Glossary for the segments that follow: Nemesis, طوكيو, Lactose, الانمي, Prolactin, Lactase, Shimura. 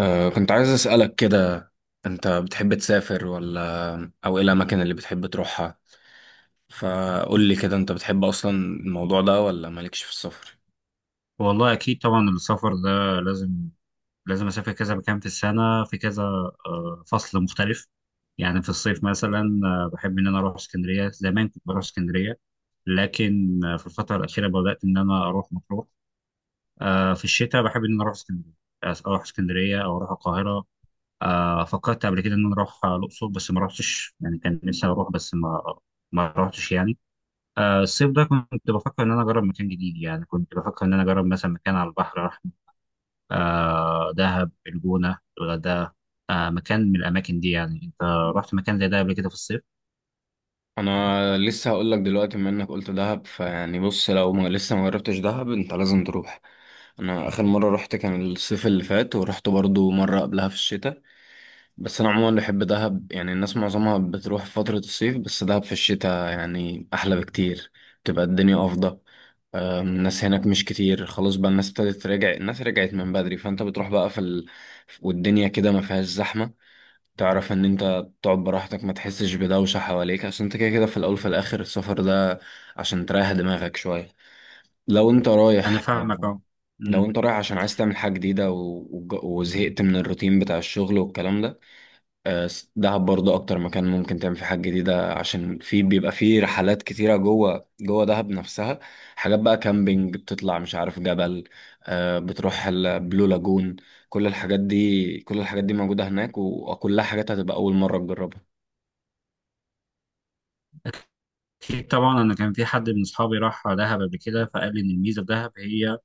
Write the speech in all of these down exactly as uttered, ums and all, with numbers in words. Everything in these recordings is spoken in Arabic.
أه كنت عايز أسألك كده، أنت بتحب تسافر ولا أو إيه الأماكن اللي بتحب تروحها؟ فقول لي كده، أنت بتحب أصلا الموضوع ده ولا مالكش في السفر؟ والله اكيد طبعا السفر ده لازم، لازم اسافر كذا مكان في السنه في كذا، آه، فصل مختلف. يعني في الصيف مثلا آه، بحب ان انا اروح اسكندريه. زمان كنت بروح اسكندريه، لكن آه، في الفتره الاخيره بدات ان انا اروح مطروح. آه، في الشتاء بحب ان انا اروح اسكندريه، آه، اروح اسكندريه او اروح القاهره. آه، فكرت قبل كده ان انا اروح آه، الاقصر، بس ما رحتش يعني، كان نفسي اروح بس ما ما رحتش يعني. آه، الصيف ده كنت بفكر ان انا اجرب مكان جديد، يعني كنت بفكر ان انا اجرب مثلا مكان على البحر. آه دهب، الجونة، الغردقة، آه مكان من الأماكن دي. يعني أنت رحت مكان زي ده قبل كده في الصيف؟ أنا لسه هقولك دلوقتي، بما إنك قلت دهب فيعني بص، لو ما لسه ما جربتش دهب أنت لازم تروح. أنا آخر مرة رحت كان الصيف اللي فات، ورحت برضو مرة قبلها في الشتاء. بس أنا عموما بحب دهب، يعني الناس معظمها بتروح في فترة الصيف، بس دهب في الشتاء يعني أحلى بكتير، بتبقى الدنيا أفضل. أم، الناس هناك مش كتير، خلاص بقى الناس ابتدت تراجع، الناس رجعت من بدري، فانت بتروح بقى في ال... والدنيا كده ما فيهاش زحمة. تعرف ان انت تقعد براحتك، ما تحسش بدوشة حواليك، عشان انت كده كده في الاول في الاخر السفر ده عشان تريح دماغك شوية لو انت أنا رايح. فاهمك، أه. لو أمم. انت رايح عشان عايز تعمل حاجة جديدة و... وج- وزهقت من الروتين بتاع الشغل والكلام ده. آه، دهب برضه اكتر مكان ممكن تعمل فيه حاجات جديده، عشان في بيبقى فيه رحلات كتيره جوه جوه دهب نفسها، حاجات بقى كامبينج، بتطلع مش عارف جبل، آه، بتروح البلو لاجون، كل الحاجات دي كل الحاجات دي موجوده هناك و- وكلها حاجات هتبقى اول مره تجربها. في طبعا، أنا كان في حد من أصحابي راح دهب قبل كده، فقال لي إن الميزة في دهب هي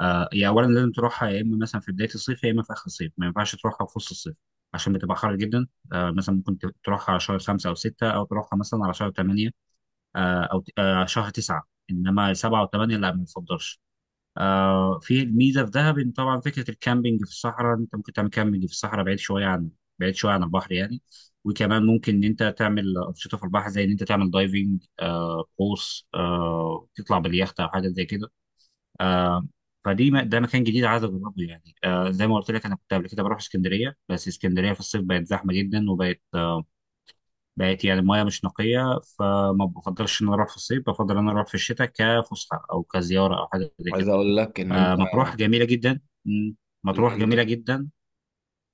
آه هي أولا لازم تروحها يا إما مثلا في بداية الصيف، يا إما في آخر الصيف، ما ينفعش تروحها في وسط الصيف عشان بتبقى حر جدا. آه مثلا ممكن ت- تروحها على شهر خمسة أو ستة، أو تروحها مثلا على شهر تمانية، آه أو ت- آه شهر تسعة. إنما سبعة وثمانية لا، ما بنفضلش. آه في ميزه في دهب ان طبعا فكره الكامبينج في الصحراء، انت ممكن تعمل كامبينج في الصحراء بعيد شويه عن بعيد شويه عن البحر يعني. وكمان ممكن ان انت تعمل انشطه في البحر، زي ان انت تعمل دايفنج، آه قوس، آه تطلع باليخت او حاجه زي كده. آه فدي م- ده مكان جديد عايز اجربه يعني. آه زي ما قلت لك انا كنت قبل كده بروح اسكندريه، بس اسكندريه في الصيف بقت زحمه جدا، وبقت آه بقت يعني المياه مش نقيه، فما بفضلش ان انا اروح في الصيف، بفضل ان انا اروح في الشتاء كفسحه او كزياره او حاجه زي عايز كده. اقول لك ان انت آه، مطروح جميلة جدا. مم. ان مطروح انت جميلة جدا،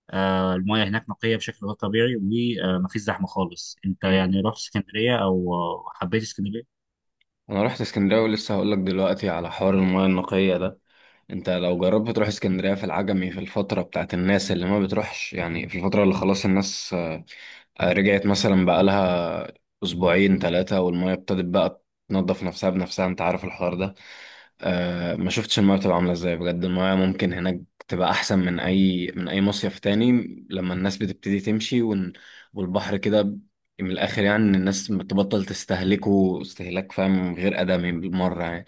آه، المياه هناك نقية بشكل غير طبيعي ومفيش زحمة خالص. انت مم. يعني رحت اسكندرية او آه، حبيت اسكندرية؟ انا رحت اسكندريه ولسه هقول لك دلوقتي على حوار المياه النقيه ده. انت لو جربت تروح اسكندرية في العجمي في الفترة بتاعت الناس اللي ما بتروحش، يعني في الفترة اللي خلاص الناس آه، آه، رجعت مثلا بقالها اسبوعين ثلاثة والمية ابتدت بقى تنظف نفسها بنفسها، انت عارف الحوار ده. آه ما شفتش المايه بتبقى عامله ازاي، بجد المايه ممكن هناك تبقى احسن من اي من اي مصيف تاني لما الناس بتبتدي تمشي ون... والبحر كده ب- من الاخر، يعني إن الناس بتبطل تستهلكه استهلاك، فاهم، غير ادمي بالمره يعني.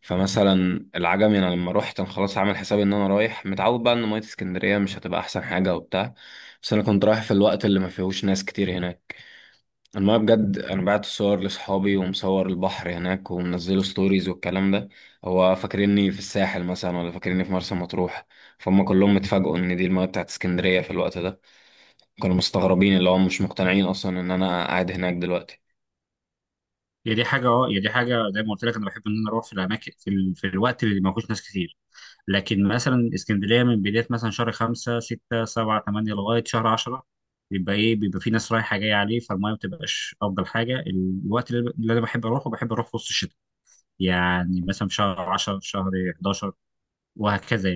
فمثلا العجمي انا لما روحت انا خلاص عامل حسابي ان انا رايح متعود بقى ان ميه اسكندريه مش هتبقى احسن حاجه وبتاع، بس انا كنت رايح في الوقت اللي ما فيهوش ناس كتير هناك. المايه بجد، انا بعت صور لاصحابي ومصور البحر هناك ومنزله ستوريز والكلام ده، هو فاكريني في الساحل مثلا ولا فاكريني في مرسى مطروح، فهم كلهم اتفاجئوا ان دي المايه بتاعت اسكندريه في الوقت ده، كانوا مستغربين اللي هم مش مقتنعين اصلا ان انا قاعد هناك دلوقتي. هي دي حاجة اه هي دي حاجة زي ما قلت لك، انا بحب ان انا اروح في الاماكن في, ال... في الوقت اللي ما فيهوش ناس كتير. لكن مثلا اسكندرية من بداية مثلا شهر خمسة، ستة، سبعة، تمانية لغاية شهر عشرة، بيبقى ايه، بيبقى في ناس رايحة جاية عليه، فالمياه ما بتبقاش افضل حاجة. الوقت اللي اللي انا بحب اروحه بحب اروح في وسط الشتاء، يعني مثلا في شهر عشرة، في شهر حداشر، وهكذا.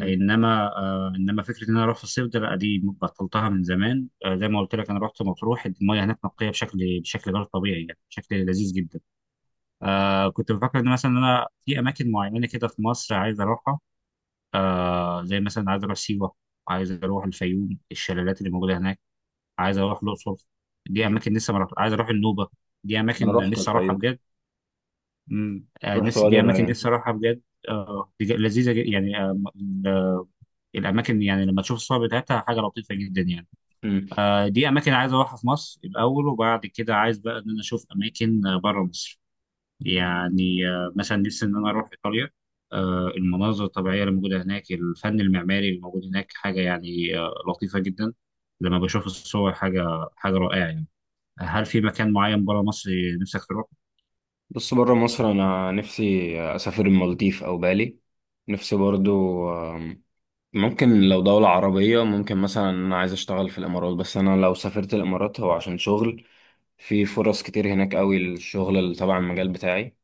يعني انما آه انما فكره ان انا اروح في الصيف ده لا، دي بطلتها من زمان. آه زي ما قلت لك انا رحت مطروح، المياه هناك نقيه بشكل بشكل غير طبيعي، يعني بشكل لذيذ جدا. آه كنت بفكر ان مثلا انا في اماكن معينه كده في مصر عايز اروحها، آه زي مثلا عايز اروح سيوه، عايز اروح الفيوم، الشلالات اللي موجوده هناك، عايز اروح الاقصر. دي مم. اماكن لسه ما رحت، عايز اروح النوبه. دي انا اماكن رحت لسه اروحها الفيوم، بجد. مم. آه رحت نفسي- وادي دي اماكن الريان. لسه اروحها بجد. آه دي ج- لذيذه جدا يعني. آه الاماكن يعني لما تشوف الصور بتاعتها حاجه لطيفه جدا يعني. مم. آه، دي اماكن عايز اروحها في مصر الاول، وبعد كده عايز بقى ان انا اشوف اماكن آه، بره مصر. يعني آه، مثلا نفسي ان انا اروح ايطاليا، آه، المناظر الطبيعيه اللي موجوده هناك، الفن المعماري اللي موجود هناك حاجه يعني آه، لطيفه جدا. لما بشوف الصور حاجه، حاجه رائعه يعني. هل في مكان معين بره مصر نفسك تروح؟ بص، بره مصر انا نفسي اسافر المالديف او بالي، نفسي برضو ممكن لو دولة عربية، ممكن مثلا أنا عايز أشتغل في الإمارات، بس أنا لو سافرت الإمارات هو عشان شغل، في فرص كتير هناك قوي للشغل اللي تبع المجال بتاعي.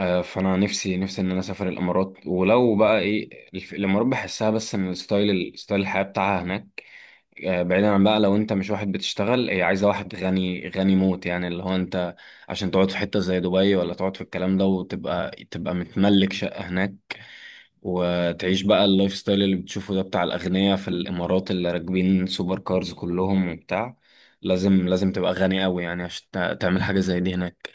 آه، فأنا نفسي نفسي إن أنا أسافر الإمارات، ولو بقى إيه الف- الإمارات بحسها بس إن الستايل، ستايل الحياة بتاعها هناك، آه، بعيدا عن بقى لو أنت مش واحد بتشتغل، هي عايزة واحد غني غني موت، يعني اللي هو أنت عشان تقعد في حتة زي دبي ولا تقعد في الكلام ده وتبقى تبقى متملك شقة هناك وتعيش بقى اللايف ستايل اللي بتشوفه ده بتاع الأغنياء في الإمارات اللي راكبين سوبر كارز كلهم وبتاع، لازم لازم تبقى غني قوي يعني عشان تع- تعمل حاجة زي دي هناك.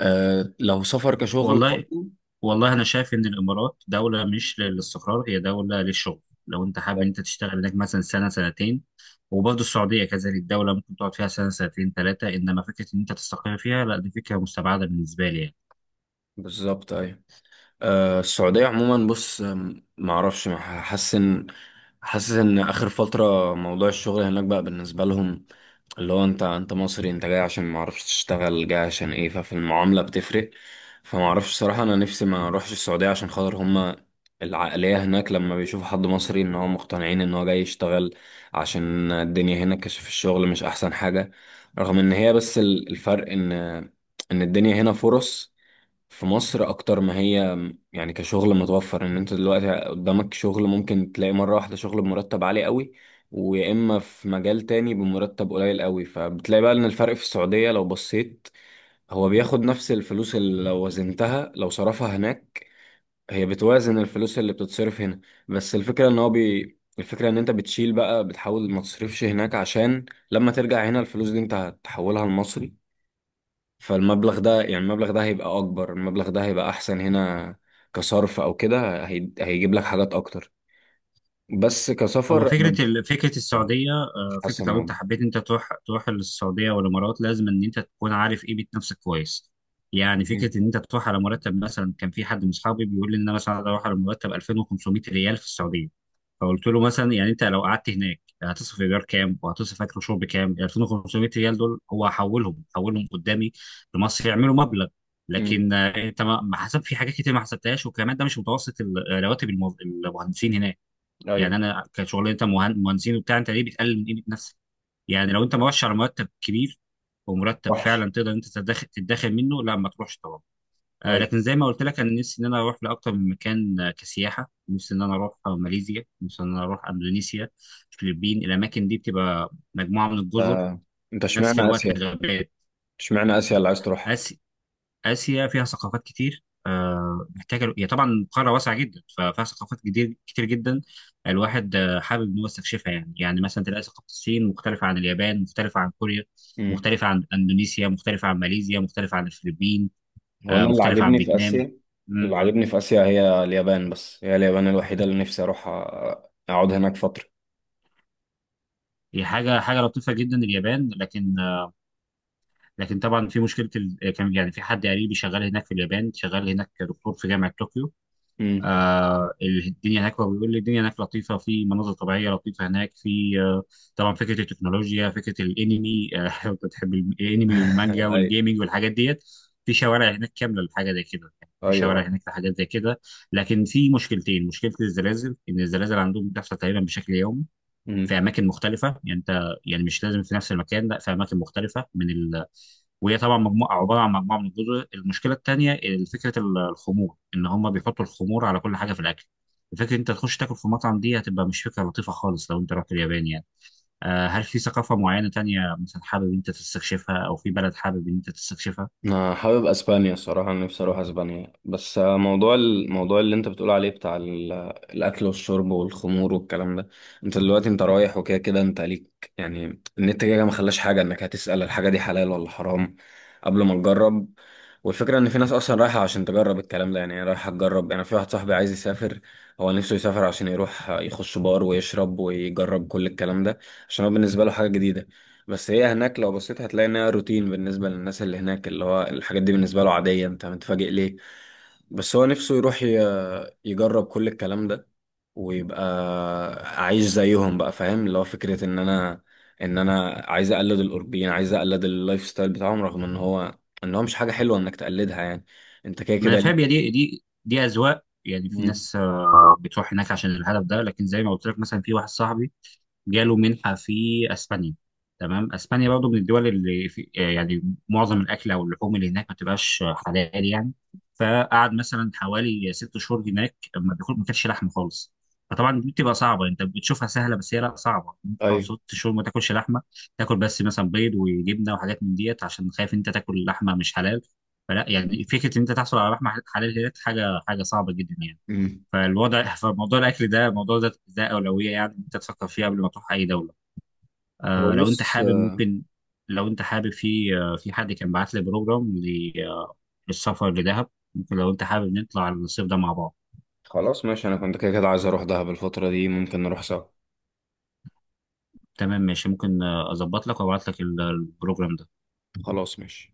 أه لو سفر كشغل والله، برضه. والله انا شايف ان الامارات دوله مش للاستقرار، هي دوله للشغل. لو انت حابب ان بالظبط. انت تشتغل هناك مثلا سنه سنتين. وبرضه السعوديه كذلك دوله ممكن تقعد فيها سنه، سنتين، ثلاثه، انما فكره ان انت تستقر فيها لا، دي فكره مستبعده بالنسبه لي يعني. بالظبط، أيوة. آه، السعودية عموما بص، آم، معرفش، ما حاسس ان، حاسس ان اخر فترة موضوع الشغل هناك بقى بالنسبة لهم اللي هو انت، انت مصري انت جاي عشان معرفش تشتغل، جاي عشان ايه، ففي المعاملة بتفرق. فمعرفش صراحة، انا نفسي ما اروحش السعودية عشان خاطر هما العقلية هناك لما بيشوفوا حد مصري ان هو مقتنعين ان هو جاي يشتغل عشان الدنيا هنا كشف الشغل مش احسن حاجة. رغم ان هي بس ال- الفرق ان ان الدنيا هنا فرص في مصر اكتر ما هي، يعني كشغل متوفر ان انت دلوقتي قدامك شغل، ممكن تلاقي مرة واحدة شغل بمرتب عالي قوي ويا اما في مجال تاني بمرتب قليل قوي. فبتلاقي بقى ان الفرق في السعودية لو بصيت، هو بياخد نفس الفلوس اللي لو وزنتها لو صرفها هناك، هي بتوازن الفلوس اللي بتتصرف هنا. بس الفكرة ان هو بي الفكرة ان انت بتشيل بقى، بتحاول ما تصرفش هناك عشان لما ترجع هنا الفلوس دي انت هتحولها لمصري، فالمبلغ ده يعني المبلغ ده هيبقى اكبر، المبلغ ده هيبقى احسن هنا كصرف او كده، هي... هيجيب لك حاجات اكتر. بس هو كسفر انا فكرة ال- فكرة السعودية، مش آه، حاسس فكرة لو أنت الموضوع. حبيت أنت تروح، تروح للسعودية والإمارات، لازم إن أنت تكون عارف قيمة نفسك كويس. يعني مم. فكرة إن أنت تروح على مرتب، مثلا كان في حد من أصحابي بيقول لي إن أنا مثلا أروح على مرتب الفين وخمسميه ريال في السعودية. فقلت له مثلا، يعني أنت لو قعدت هناك هتصرف إيجار كام وهتصرف أكل وشرب كام؟ ال الفين وخمسميه ريال دول هو هحولهم هحولهم قدامي لمصر يعملوا مبلغ. مم. لكن آه، أنت ما ما حسب في حاجات كتير ما حسبتهاش، وكمان ده مش متوسط ال- رواتب الموظ- المهندسين هناك. يعني ايوه. انا كشغل، انت مهن- مهندسين وبتاع، انت ليه بتقلل من قيمه نفسك؟ يعني لو انت مؤشر مرتب كبير، ومرتب وحش. فعلا تقدر انت تدخل تتدخل منه، لا ما تروحش طبعا. آه ايوه. لكن زي ما قلت لك انا نفسي ان انا اروح لاكتر من مكان، آه، كسياحه. نفسي ان انا اروح آه، ماليزيا، نفسي ان انا اروح اندونيسيا، الفلبين. الاماكن دي بتبقى مجموعه من الجزر، آه. انت في نفس اشمعنى الوقت اسيا، غابات. اشمعنى اسيا اللي عايز تروحها؟ آسيا. آسيا فيها ثقافات كتير، آه، محتاجة، هي طبعا قارة واسعة جدا ففيها ثقافات كتير كتير جدا. الواحد آه، حابب إن هو يستكشفها يعني يعني مثلا تلاقي ثقافة الصين مختلفة عن اليابان، مختلفة عن كوريا، مم. مختلفة عن إندونيسيا، مختلفة عن ماليزيا، مختلفة عن الفلبين، هو آه، انا اللي مختلفة عن عاجبني في فيتنام. اسيا، اللي مم. عاجبني في اسيا هي اليابان، بس هي اليابان الوحيده اللي نفسي اروح أ- اقعد هناك فتره. هي حاجة، حاجة لطيفة جدا اليابان، لكن آه، لكن طبعا في مشكلة، ال- كان يعني في حد قريبي شغال هناك في اليابان، شغال هناك دكتور في جامعة طوكيو. مم. آه الدنيا هناك، هو بيقول لي الدنيا هناك لطيفه، في مناظر طبيعيه لطيفه هناك، في آه طبعا فكره التكنولوجيا، فكره الانمي، آه لو انت بتحب الانمي والمانجا ايوه. والجيمنج والحاجات ديت، في شوارع هناك كامله لحاجه زي كده، يعني في شوارع ايوه. هناك لحاجات زي كده. لكن في مشكلتين، مشكله الزلازل ان الزلازل عندهم بتحصل تقريبا بشكل يومي مم. في اماكن مختلفه، يعني انت يعني مش لازم في نفس المكان، لا في اماكن مختلفه من ال... وهي طبعا مجموعه، عباره عن مجموعه من الجزر. المشكله الثانيه فكره ال- الخمور، ان هم بيحطوا الخمور على كل حاجه في الاكل. الفكره إن انت تخش تاكل في مطعم دي هتبقى مش فكره لطيفه خالص لو انت رحت اليابان يعني. آه، هل في ثقافه معينه تانية مثلا حابب انت تستكشفها، او في بلد حابب ان انت تستكشفها؟ انا حابب اسبانيا الصراحه، أنا نفسي اروح اسبانيا بس آه، موضوع الموضوع اللي انت بتقول عليه بتاع ال- الاكل والشرب والخمور والكلام ده، انت دلوقتي انت رايح وكده كده انت ليك يعني النت كده كده ما خلاش حاجه انك هتسال الحاجه دي حلال ولا حرام قبل ما تجرب. والفكره ان في ناس اصلا رايحه عشان تجرب الكلام ده، يعني هي رايحه تجرب، يعني في واحد صاحبي عايز يسافر، هو نفسه يسافر عشان يروح آه، يخش بار ويشرب ويجرب كل الكلام ده عشان هو بالنسبه له حاجه جديده. بس هي هناك لو بصيت هتلاقي انها روتين بالنسبة للناس اللي هناك، اللي هو الحاجات دي بالنسبة له عادية، انت متفاجئ ليه؟ بس هو نفسه يروح ي- يجرب كل الكلام ده ويبقى عايش زيهم بقى، فاهم، اللي هو فكرة ان انا ان انا عايز اقلد الاوروبيين، عايز اقلد اللايف ستايل بتاعهم، رغم ان هو ان هو مش حاجة حلوة انك تقلدها يعني، انت كده ما انا كده فاهم، هي ليه. دي دي دي اذواق يعني. في مم. ناس آه، بتروح هناك عشان الهدف ده، لكن زي ما قلت لك مثلا في واحد صاحبي جاله منحة في اسبانيا. تمام، اسبانيا برضه من الدول اللي في آه، يعني معظم الاكل او اللحوم اللي هناك ما بتبقاش حلال يعني. فقعد مثلا حوالي ست شهور هناك ما بياكل، ما كانش لحمه خالص. فطبعا دي بتبقى صعبه، انت بتشوفها سهله بس هي لا، صعبه انت تقعد ايوه. ست شهور ما تاكلش لحمه، تاكل بس مثلا بيض وجبنه وحاجات من ديت، عشان خايف انت تاكل لحمه مش حلال. فلا، يعني فكره ان انت تحصل على لحمه حلال هي حاجه، حاجه صعبه جدا يعني. مم. فالوضع، فموضوع الاكل ده، موضوع ده ده اولويه يعني، انت تفكر فيه قبل ما تروح اي دوله. هو آه لو انت بص، حابب ممكن، لو انت حابب، في آه في حد كان بعت لي بروجرام ل- آه، للسفر لدهب، ممكن لو انت حابب نطلع الصيف ده مع بعض. خلاص ماشي، انا كنت كده كده عايز اروح دهب الفترة دي ممكن نروح سوا. تمام ماشي، ممكن آه، اظبط لك وابعت لك ال- آه، البروجرام ده. خلاص ماشي.